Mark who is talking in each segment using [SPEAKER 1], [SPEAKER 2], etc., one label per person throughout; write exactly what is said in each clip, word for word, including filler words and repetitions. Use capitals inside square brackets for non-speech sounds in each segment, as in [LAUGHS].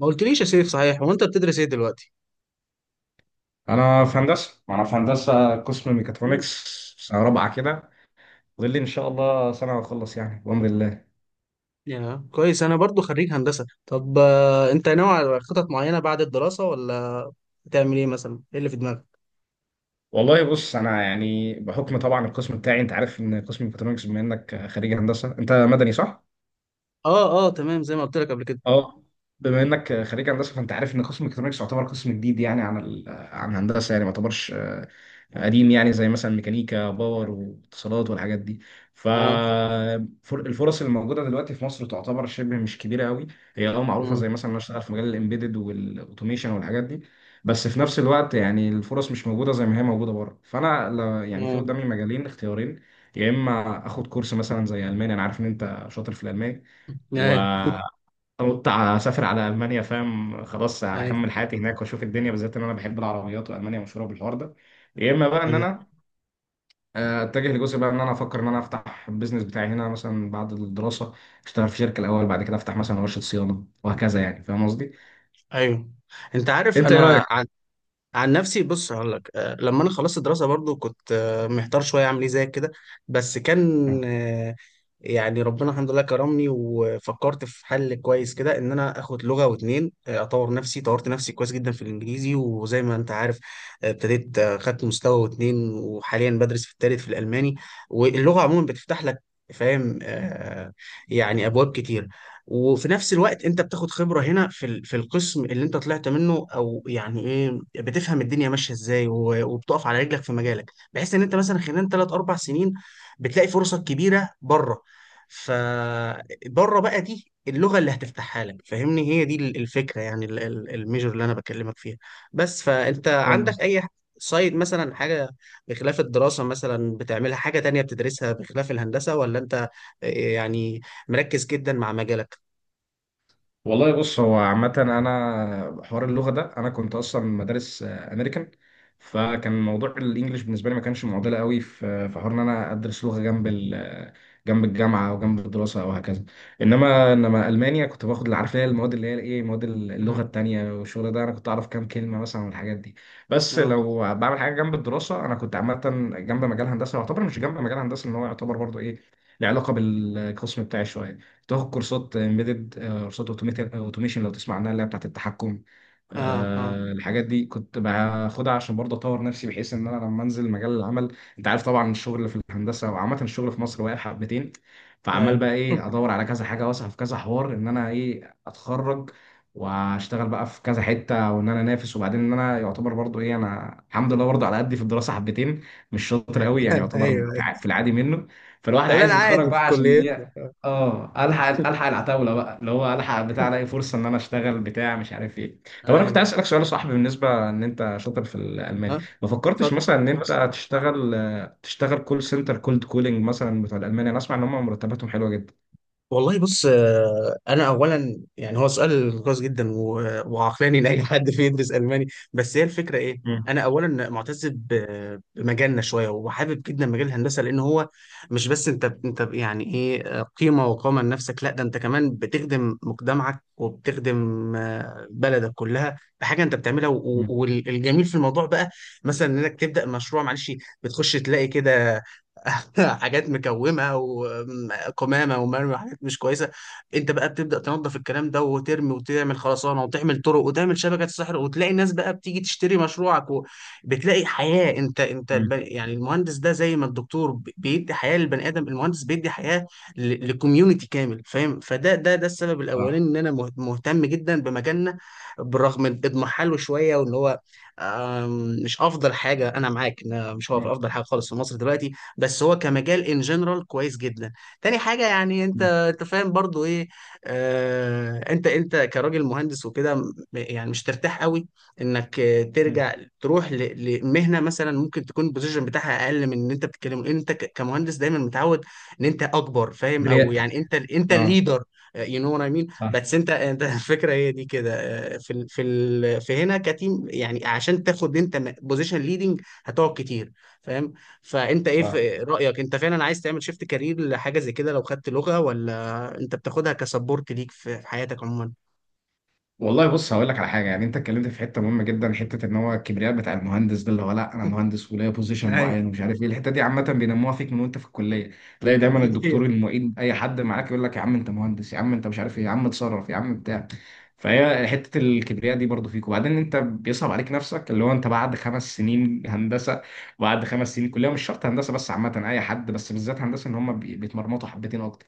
[SPEAKER 1] ما قلتليش يا سيف، صحيح هو انت بتدرس ايه دلوقتي؟
[SPEAKER 2] انا في هندسه، ما انا في هندسه قسم
[SPEAKER 1] مم.
[SPEAKER 2] ميكاترونكس. سنه رابعه كده. فاضل لي ان شاء الله سنه واخلص، يعني بامر الله.
[SPEAKER 1] يا كويس، انا برضو خريج هندسة. طب آه، انت ناوي على خطط معينة بعد الدراسة، ولا هتعمل ايه؟ مثلا ايه اللي في دماغك؟
[SPEAKER 2] والله بص، انا يعني بحكم طبعا القسم بتاعي، انت عارف ان قسم ميكاترونكس، بما انك خريج هندسه انت مدني صح؟
[SPEAKER 1] اه، اه، تمام، زي ما قلت لك قبل كده.
[SPEAKER 2] اه. بما انك خريج هندسه فانت عارف ان قسم ميكاترونكس يعتبر قسم جديد، يعني عن ال... عن هندسه، يعني ما يعتبرش آه، قديم، يعني زي مثلا ميكانيكا باور واتصالات والحاجات دي. ف
[SPEAKER 1] اه.
[SPEAKER 2] فر- الفرص اللي موجوده دلوقتي في مصر تعتبر شبه مش كبيره قوي. هي اه معروفه،
[SPEAKER 1] مم.
[SPEAKER 2] زي مثلا انا اشتغل في مجال الامبيدد والاوتوميشن والحاجات دي. بس في نفس الوقت يعني الفرص مش موجوده زي ما هي موجوده بره، فانا لا- يعني في
[SPEAKER 1] مم.
[SPEAKER 2] قدامي مجالين اختيارين. يا اما اخد كورس مثلا زي الماني، انا عارف ان انت شاطر في الالماني،
[SPEAKER 1] ايوه. [LAUGHS]
[SPEAKER 2] قلت اسافر على المانيا فاهم، خلاص
[SPEAKER 1] ايوه،
[SPEAKER 2] هكمل حياتي هناك واشوف الدنيا، بالذات ان انا بحب العربيات والمانيا مشهوره بالحوار ده. يا اما بقى ان
[SPEAKER 1] ايوه.
[SPEAKER 2] انا آه، اتجه لجزء بقى ان انا افكر ان انا افتح البيزنس بتاعي هنا مثلا بعد الدراسه. اشتغل في شركه الاول، بعد كده افتح مثلا ورشه صيانه وهكذا، يعني فاهم قصدي.
[SPEAKER 1] أيوه. انت عارف
[SPEAKER 2] انت ايه
[SPEAKER 1] انا،
[SPEAKER 2] رايك؟
[SPEAKER 1] عن نفسي بص هقول لك، آه، لما انا خلصت الدراسه برضو كنت آه، محتار شويه اعمل ايه زي كده. بس كان آه، يعني ربنا الحمد لله كرمني، وفكرت في حل كويس كده، ان انا اخد لغه واتنين، آه، اطور نفسي. طورت نفسي كويس جدا في الانجليزي، وزي ما انت عارف آه، ابتديت، آه، خدت مستوى واتنين، وحاليا بدرس في التالت في الالماني. واللغه عموما بتفتح لك، فاهم؟ آه، يعني ابواب كتير. وفي نفس الوقت انت بتاخد خبرة هنا في ال- في القسم اللي انت طلعت منه، او يعني ايه، بتفهم الدنيا ماشية ازاي، و- وبتقف على رجلك في مجالك، بحيث ان انت مثلا خلال ثلاث اربع سنين بتلاقي فرصك كبيرة بره. فبره بقى دي اللغة اللي هتفتحها لك، فاهمني؟ هي دي ال- الفكرة، يعني ال- ال- الميجر اللي انا بكلمك فيها. بس فانت
[SPEAKER 2] فاهم.
[SPEAKER 1] عندك اي سايد مثلا، حاجة بخلاف الدراسة مثلا بتعملها، حاجة تانية بتدرسها بخلاف الهندسة، ولا انت إيه، يعني مركز جدا مع مجالك؟
[SPEAKER 2] والله بص، هو عامة أنا حوار اللغة ده أنا كنت أصلا مدارس آه، أمريكان. فكان موضوع الإنجليش بالنسبة لي ما كانش معضلة قوي، في في حوار إن أنا أدرس لغة جنب ال آه، جنب الجامعة أو جنب الدراسة أو هكذا. إنما إنما ألمانيا كنت باخد، اللي عارف اللي هي المواد اللي هي إيه، مواد اللغة
[SPEAKER 1] مم.
[SPEAKER 2] التانية والشغل ده، أنا كنت أعرف كام كلمة مثلا والحاجات دي. بس
[SPEAKER 1] اه،
[SPEAKER 2] لو بعمل حاجة جنب الدراسة أنا كنت عامة جنب مجال هندسة، يعتبر مش جنب مجال هندسة، إن هو يعتبر برضه إيه، له علاقة بالقسم بتاعي شوية. تاخد كورسات امبيدد آه، قصاد اوتوميشن لو تسمع عنها، اللي هي بتاعت التحكم.
[SPEAKER 1] اه، اه.
[SPEAKER 2] آه، الحاجات دي كنت باخدها عشان برضه اطور نفسي، بحيث ان انا لما انزل مجال العمل. انت عارف طبعا الشغل في الهندسه، وعامه الشغل في مصر واقع حبتين. فعمال
[SPEAKER 1] ايوه.
[SPEAKER 2] بقى ايه، ادور
[SPEAKER 1] [LAUGHS]
[SPEAKER 2] على كذا حاجه واسعى في كذا حوار، ان انا ايه اتخرج واشتغل بقى في كذا حته، وان انا انافس، وبعدين ان انا يعتبر برضه ايه، انا الحمد لله برضه على قدي في الدراسه حبتين، مش شاطر قوي يعني،
[SPEAKER 1] ايوه،
[SPEAKER 2] يعتبر في
[SPEAKER 1] ايوه.
[SPEAKER 2] الع- في العادي منه. فالواحد
[SPEAKER 1] لا، انا
[SPEAKER 2] عايز يتخرج
[SPEAKER 1] عادي في
[SPEAKER 2] بقى عشان
[SPEAKER 1] كليتنا.
[SPEAKER 2] ايه، اه الحق الحق
[SPEAKER 1] [LAUGHS]
[SPEAKER 2] العتاوله بقى، اللي هو الحق بتاع الاقي فرصه ان انا اشتغل بتاع مش عارف ايه. طب انا كنت عايز
[SPEAKER 1] ايوه.
[SPEAKER 2] اسالك سؤال يا صاحبي، بالنسبه ان انت شاطر في الالماني،
[SPEAKER 1] ها.
[SPEAKER 2] ما فكرتش
[SPEAKER 1] فك
[SPEAKER 2] مثلا
[SPEAKER 1] فكرت
[SPEAKER 2] ان
[SPEAKER 1] في فلوس على
[SPEAKER 2] انت
[SPEAKER 1] فكرة.
[SPEAKER 2] تشتغل تشتغل كول سنتر كولد كولينج مثلا بتوع الالماني؟ انا اسمع ان هم مرتباتهم حلوه جدا.
[SPEAKER 1] والله بص، آه، انا اولا يعني هو سؤال كويس جدا و- وعقلاني لاي حد في يدرس الماني. بس هي الفكره ايه؟
[SPEAKER 2] مم.
[SPEAKER 1] انا اولا معتز ب- بمجالنا شويه، وحابب جدا مجال الهندسه، لان هو مش بس انت انت يعني ايه آه، قيمه وقامه لنفسك، لا ده انت كمان بتخدم مجتمعك، وبتخدم آه، بلدك كلها بحاجه انت بتعملها، و- و-
[SPEAKER 2] مم.
[SPEAKER 1] والجميل في الموضوع بقى مثلا انك تبدا مشروع، معلش، بتخش تلاقي كده [LAUGHS] حاجات مكومه وقمامه ومرمى وحاجات مش كويسه. انت بقى بتبدا تنظف الكلام ده وترمي، وتعمل خرسانه، وتعمل طرق، وتعمل شبكه سحر، وتلاقي الناس بقى بتيجي تشتري مشروعك، وبتلاقي حياه. انت انت الب-
[SPEAKER 2] مم.
[SPEAKER 1] يعني المهندس ده، زي ما الدكتور ب- بيدي حياه للبني ادم، المهندس بيدي حياه لكوميونتي كامل، فاهم؟ فده ده ده السبب
[SPEAKER 2] صح.
[SPEAKER 1] الاولاني ان انا مه- مهتم جدا بمجالنا، بالرغم من اضمحاله شويه، وان هو آم، مش افضل حاجه. انا معاك إن مش هو
[SPEAKER 2] مم.
[SPEAKER 1] افضل حاجه خالص في مصر دلوقتي، بس هو كمجال ان جنرال كويس جدا. تاني حاجه، يعني انت
[SPEAKER 2] مم.
[SPEAKER 1] انت فاهم برضو ايه. آه، انت انت كراجل مهندس وكده، م- يعني مش ترتاح قوي انك آه،
[SPEAKER 2] مم.
[SPEAKER 1] ترجع تروح ل- لمهنه مثلا ممكن تكون البوزيشن بتاعها اقل من ان انت بتتكلم، لان انت ك- كمهندس دايما متعود ان انت اكبر، فاهم؟ او
[SPEAKER 2] كبرياء.
[SPEAKER 1] يعني انت انت
[SPEAKER 2] اه.
[SPEAKER 1] الليدر. يو نو وات اي مين،
[SPEAKER 2] صح.
[SPEAKER 1] بس انت انت [LAUGHS] الفكره هي دي كده. آه، في ال- في ال- في هنا كتيم، يعني عشان تاخد انت بوزيشن ليدنج هتقعد كتير، فاهم؟ فانت ايه
[SPEAKER 2] صح.
[SPEAKER 1] في رايك؟ انت فعلا عايز تعمل شيفت كارير لحاجه زي كده لو خدت لغه، ولا انت بتاخدها كسبورت ليك في في حياتك عموما؟
[SPEAKER 2] والله بص، هقول لك على حاجه يعني، انت اتكلمت في حته مهمه جدا، حته ان هو الكبرياء بتاع المهندس ده، اللي هو لا انا
[SPEAKER 1] [LAUGHS]
[SPEAKER 2] مهندس وليا بوزيشن
[SPEAKER 1] ايوه.
[SPEAKER 2] معين ومش عارف ايه. الحته دي عامه بينموها فيك من وانت في الكليه. تلاقي دايما
[SPEAKER 1] [LAUGHS]
[SPEAKER 2] الدكتور،
[SPEAKER 1] ايوه،
[SPEAKER 2] المعيد، اي حد معاك يقول لك يا عم انت مهندس، يا عم انت مش عارف ايه، يا عم اتصرف، يا عم بتاع. فهي حته الكبرياء دي برضو فيك، وبعدين انت بيصعب عليك نفسك، اللي هو انت بعد خمس سنين هندسه، بعد خمس سنين كليه مش شرط هندسه بس عامه اي حد، بس بالذات هندسه ان هم بي- بيتمرمطوا حبتين اكتر.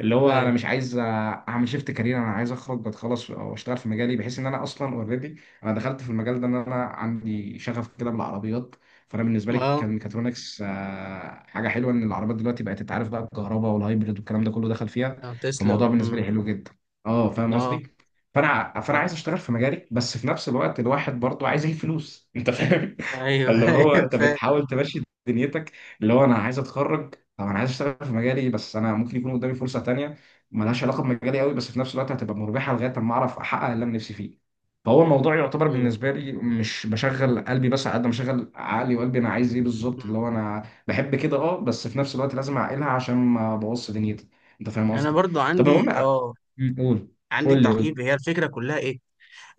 [SPEAKER 2] اللي هو انا
[SPEAKER 1] ايوه.
[SPEAKER 2] مش عايز اعمل شيفت كارير، انا عايز اخرج اتخلص او اشتغل في مجالي، بحيث ان انا اصلا اوريدي. انا دخلت في المجال ده ان انا عندي شغف كده بالعربيات. فانا بالنسبه لي
[SPEAKER 1] اه.
[SPEAKER 2] كان ميكاترونكس آه، حاجه حلوه، ان العربيات دلوقتي بقت تتعرف بقى، الكهرباء والهايبريد والكلام ده كله دخل فيها.
[SPEAKER 1] آه، تسلا.
[SPEAKER 2] فالموضوع بالنسبه لي
[SPEAKER 1] امم.
[SPEAKER 2] حلو جدا. اه فاهم
[SPEAKER 1] اه.
[SPEAKER 2] قصدي. فانا فانا
[SPEAKER 1] آه.
[SPEAKER 2] عايز اشتغل في مجالي، بس في نفس الوقت الواحد برضه عايز يجيب فلوس انت فاهم. [LAUGHS]
[SPEAKER 1] ايوه.
[SPEAKER 2] فاللي
[SPEAKER 1] [LAUGHS]
[SPEAKER 2] هو
[SPEAKER 1] ايوه،
[SPEAKER 2] انت
[SPEAKER 1] فاهم.
[SPEAKER 2] بتحاول تمشي دنيتك، اللي هو انا عايز اتخرج. طب انا عايز اشتغل في مجالي، بس انا ممكن يكون قدامي فرصه تانية ملهاش علاقه بمجالي قوي، بس في نفس الوقت هتبقى مربحه لغايه اما اعرف احقق اللي انا نفسي فيه. فهو الموضوع يعتبر
[SPEAKER 1] ايوه.
[SPEAKER 2] بالنسبه لي مش بشغل قلبي، بس على قد ما بشغل عقلي وقلبي انا عايز ايه بالظبط،
[SPEAKER 1] مم.
[SPEAKER 2] اللي هو انا بحب كده، اه بس في نفس الوقت لازم اعقلها عشان ما ابوظش دنيتي. انت فاهم
[SPEAKER 1] انا
[SPEAKER 2] قصدي؟
[SPEAKER 1] برضو
[SPEAKER 2] طب
[SPEAKER 1] عندي
[SPEAKER 2] المهم، أ-
[SPEAKER 1] اه
[SPEAKER 2] قول.
[SPEAKER 1] عندي
[SPEAKER 2] قول لي،
[SPEAKER 1] تعقيب.
[SPEAKER 2] قول
[SPEAKER 1] هي الفكره كلها ايه؟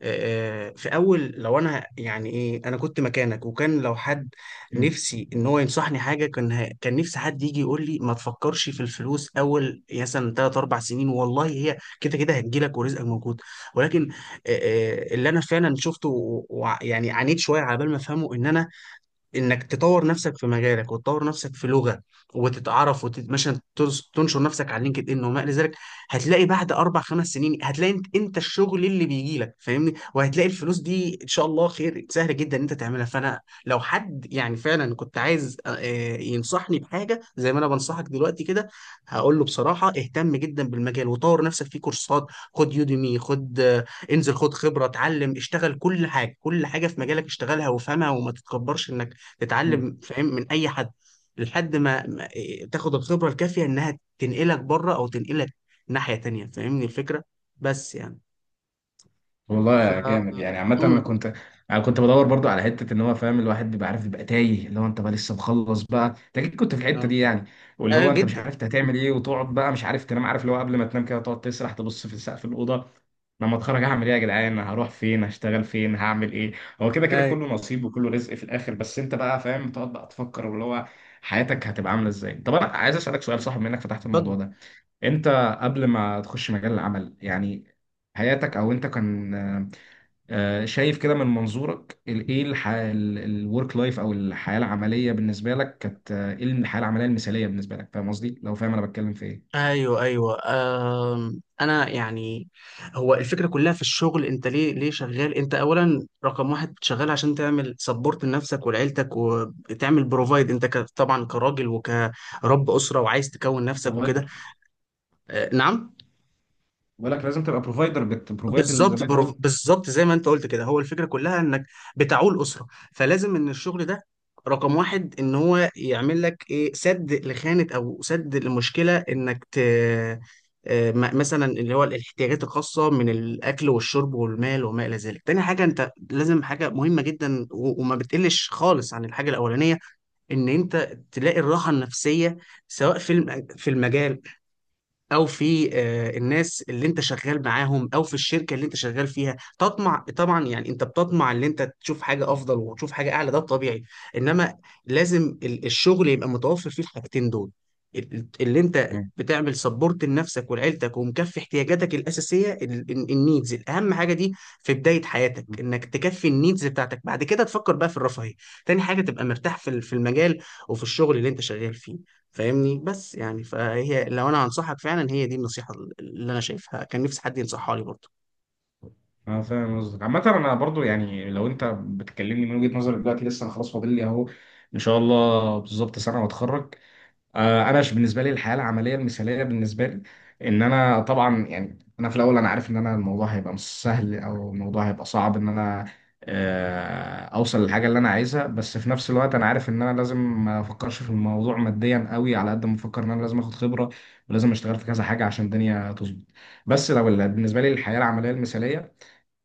[SPEAKER 1] آه، في اول، لو انا يعني ايه انا كنت مكانك، وكان لو حد نفسي ان هو ينصحني حاجه، كان ه- كان نفسي حد يجي يقول لي: ما تفكرش في الفلوس اول مثلا ثلاث اربع سنين، والله هي كده كده هتجيلك ورزقك موجود. ولكن آه، آه، اللي انا فعلا شفته و- وع- يعني عانيت شويه على بال ما افهمه، ان انا انك تطور نفسك في مجالك، وتطور نفسك في لغه، وتتعرف، ومثلا تنشر نفسك على لينكد ان، وما الى ذلك. هتلاقي بعد اربع خمس سنين، هتلاقي انت, انت الشغل اللي بيجي لك، فاهمني؟ وهتلاقي الفلوس دي ان شاء الله خير سهل جدا ان انت تعملها. فانا لو حد يعني فعلا كنت عايز آه، آه، ينصحني بحاجه زي ما انا بنصحك دلوقتي كده، هقول له بصراحه: اهتم جدا بالمجال، وطور نفسك في كورسات، خد يوديمي، خد، آه، انزل، خد خبره، اتعلم، اشتغل. كل حاجه كل حاجه في مجالك اشتغلها وافهمها، وما تتكبرش انك
[SPEAKER 2] لي.
[SPEAKER 1] تتعلم، فاهم؟ من اي حد، لحد ما ما- إيه، تاخد الخبرة الكافية انها تنقلك بره، او تنقلك ناحية تانية، فاهمني الفكرة؟ بس يعني. ف
[SPEAKER 2] والله جامد يعني، عامة أنا
[SPEAKER 1] امم
[SPEAKER 2] كنت أنا كنت بدور برضو على حتة، إن هو فاهم الواحد بيبقى عارف بيبقى تايه، اللي هو أنت بقى لسه مخلص بقى أنت أكيد كنت في الحتة
[SPEAKER 1] اه.
[SPEAKER 2] دي يعني. واللي
[SPEAKER 1] آه،
[SPEAKER 2] هو أنت مش
[SPEAKER 1] جدا.
[SPEAKER 2] عارف أنت
[SPEAKER 1] [LAUGHS]
[SPEAKER 2] هتعمل إيه، وتقعد بقى مش عارف تنام، عارف اللي هو قبل ما تنام كده تقعد تسرح تبص في سقف الأوضة. لما أتخرج هعمل إيه يا جدعان، هروح فين، هشتغل فين، هعمل إيه؟ هو كده كده
[SPEAKER 1] ايوه،
[SPEAKER 2] كله نصيب وكله رزق في الآخر، بس أنت بقى فاهم تقعد بقى تفكر واللي هو حياتك هتبقى عاملة إزاي. طب أنا عايز أسألك سؤال صح بما إنك فتحت الموضوع
[SPEAKER 1] اتفضل.
[SPEAKER 2] ده. انت، قبل ما تخش مجال العمل يعني، حياتك او انت كان آه، شايف كده من منظورك ال- ايه، الورك لايف او الحياه العمليه بالنسبه لك، كانت آه، ايه الحياه العمليه المثاليه بالنسبه لك؟ فاهم قصدي لو فاهم انا بتكلم في ايه.
[SPEAKER 1] ايوه، ايوه. أم... انا يعني هو الفكره كلها في الشغل: انت ليه ليه شغال؟ انت اولا رقم واحد شغال عشان تعمل سبورت لنفسك ولعيلتك، وتعمل بروفايد، انت ك... طبعا كراجل وكرب اسره، وعايز تكون نفسك وكده.
[SPEAKER 2] بروفايدر.
[SPEAKER 1] أه، نعم.
[SPEAKER 2] بقول لك لازم تبقى بروفايدر بتبروفايد زي
[SPEAKER 1] بالظبط
[SPEAKER 2] ما انت
[SPEAKER 1] برو-
[SPEAKER 2] قلت.
[SPEAKER 1] بالظبط زي ما انت قلت كده، هو الفكره كلها انك بتعول اسره، فلازم ان الشغل ده رقم واحد ان هو يعمل لك ايه: سد لخانه، او سد لمشكله انك ت آه، م- مثلا اللي هو الاحتياجات الخاصه من الاكل والشرب والمال، وما الى ذلك. تاني حاجه انت لازم، حاجه مهمه جدا، و- وما بتقلش خالص عن الحاجه الاولانيه، ان انت تلاقي الراحه النفسيه، سواء في الم- في المجال، او في آه، الناس اللي انت شغال معاهم، او في الشركه اللي انت شغال فيها. تطمع طبعا يعني، انت بتطمع ان انت تشوف حاجه افضل، وتشوف حاجه اعلى، ده طبيعي. انما لازم ال- الشغل يبقى متوفر فيه الحاجتين دول، ال- اللي انت
[SPEAKER 2] مم.
[SPEAKER 1] بتعمل سبورت لنفسك ولعيلتك، ومكفي احتياجاتك الاساسيه، النيدز، الاهم حاجه دي في بدايه حياتك انك تكفي النيدز بتاعتك. بعد كده تفكر بقى في الرفاهيه. تاني حاجه تبقى مرتاح في ال- في المجال، وفي الشغل اللي انت شغال فيه، فاهمني؟ بس يعني فهي، لو انا هنصحك فعلا، هي دي النصيحة اللي انا شايفها، كان نفسي حد ينصحها لي برضه.
[SPEAKER 2] اه، فاهم قصدك. عامة انا برضو يعني لو انت بتكلمني من وجهة نظري دلوقتي، لسه انا خلاص فاضل لي اهو ان شاء الله بالظبط سنة واتخرج. آه، انا ش- بالنسبه لي الحياه العمليه المثاليه بالنسبه لي، ان انا طبعا يعني، انا في الاول انا عارف ان انا الموضوع هيبقى مش سهل او الموضوع هيبقى صعب، ان انا آه، اوصل للحاجه اللي انا عايزها. بس في نفس الوقت انا عارف ان انا لازم ما افكرش في الموضوع ماديا قوي، على قد ما افكر ان انا لازم اخد خبره ولازم اشتغل في كذا حاجه عشان الدنيا تظبط. بس لو ال- بالنسبه لي الحياه العمليه المثاليه،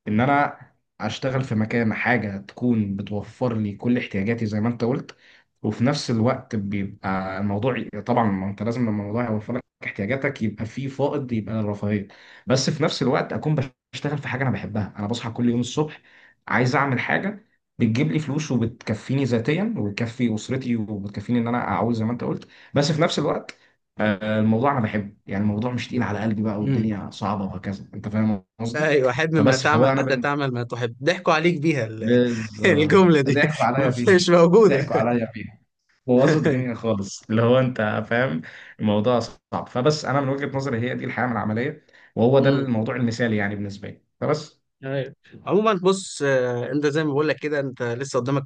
[SPEAKER 2] ان انا اشتغل في مكان، حاجه تكون بتوفر لي كل احتياجاتي زي ما انت قلت. وفي نفس الوقت بيبقى الموضوع طبعا، ما انت لازم لما الموضوع يوفر لك احتياجاتك يبقى في فائض، يبقى الرفاهيه. بس في نفس الوقت اكون بشتغل في حاجه انا بحبها. انا بصحى كل يوم الصبح عايز اعمل حاجه بتجيب لي فلوس وبتكفيني ذاتيا وبتكفي اسرتي وبتكفيني ان انا اعوز زي ما انت قلت. بس في نفس الوقت آه، الموضوع انا بحبه يعني، الموضوع مش تقيل على قلبي بقى
[SPEAKER 1] امم.
[SPEAKER 2] والدنيا صعبه وهكذا. انت فاهم قصدي.
[SPEAKER 1] ايوه. حب ما
[SPEAKER 2] فبس، فهو
[SPEAKER 1] تعمل،
[SPEAKER 2] انا
[SPEAKER 1] حتى
[SPEAKER 2] بن...
[SPEAKER 1] تعمل ما تحب، ضحكوا عليك بيها ال- [LAUGHS] الجملة
[SPEAKER 2] بالظبط
[SPEAKER 1] دي
[SPEAKER 2] ضحكوا
[SPEAKER 1] [LAUGHS]
[SPEAKER 2] عليا
[SPEAKER 1] مش
[SPEAKER 2] فيها،
[SPEAKER 1] موجودة.
[SPEAKER 2] ضحكوا عليا فيها، بوظوا الدنيا
[SPEAKER 1] [LAUGHS]
[SPEAKER 2] خالص اللي هو انت فاهم. الموضوع صعب. فبس انا من وجهة نظري هي دي الحياة من العملية، وهو ده
[SPEAKER 1] امم.
[SPEAKER 2] الموضوع المثالي يعني بالنسبة لي، فبس.
[SPEAKER 1] ايوه. عموما بص، آه، انت زي ما بقول لك كده، انت لسه قدامك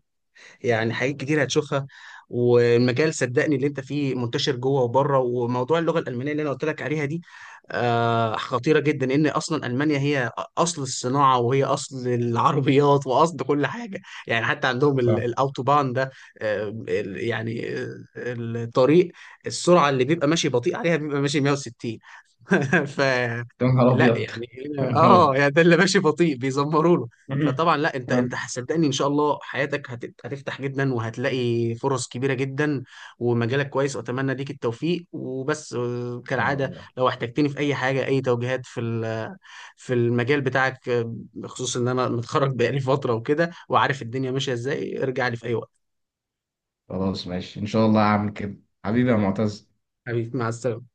[SPEAKER 1] يعني حاجات كتير هتشوفها، والمجال صدقني اللي انت فيه منتشر جوه وبره. وموضوع اللغه الالمانيه اللي انا قلت لك عليها دي، آه، خطيره جدا، ان اصلا المانيا هي اصل الصناعه، وهي اصل العربيات، واصل كل حاجه. يعني حتى عندهم ال-
[SPEAKER 2] صح.
[SPEAKER 1] الاوتوبان ده، آه، ال- يعني آه، الطريق، السرعه اللي بيبقى ماشي بطيء عليها بيبقى ماشي مية وستين. [LAUGHS] ف
[SPEAKER 2] يا نهار
[SPEAKER 1] لا
[SPEAKER 2] ابيض!
[SPEAKER 1] يعني،
[SPEAKER 2] [LAUGHS] يا
[SPEAKER 1] هنا
[SPEAKER 2] نهار
[SPEAKER 1] اه
[SPEAKER 2] ابيض.
[SPEAKER 1] يعني ده اللي ماشي بطيء بيزمروا له. فطبعا لا،
[SPEAKER 2] [LAUGHS]
[SPEAKER 1] انت انت
[SPEAKER 2] ان
[SPEAKER 1] صدقني ان شاء الله حياتك هت... هتفتح جدا، وهتلاقي فرص كبيره جدا، ومجالك كويس. واتمنى ليك التوفيق. وبس آه،
[SPEAKER 2] شاء
[SPEAKER 1] كالعاده،
[SPEAKER 2] الله.
[SPEAKER 1] لو احتجتني في اي حاجه، اي توجيهات في ال... في المجال بتاعك، آه، بخصوص ان انا متخرج بقالي فتره وكده، وعارف الدنيا ماشيه ازاي، ارجع لي في اي وقت.
[SPEAKER 2] خلاص ماشي، ان شاء الله هعمل كده. حبيبي يا معتز.
[SPEAKER 1] حبيبي مع السلامه.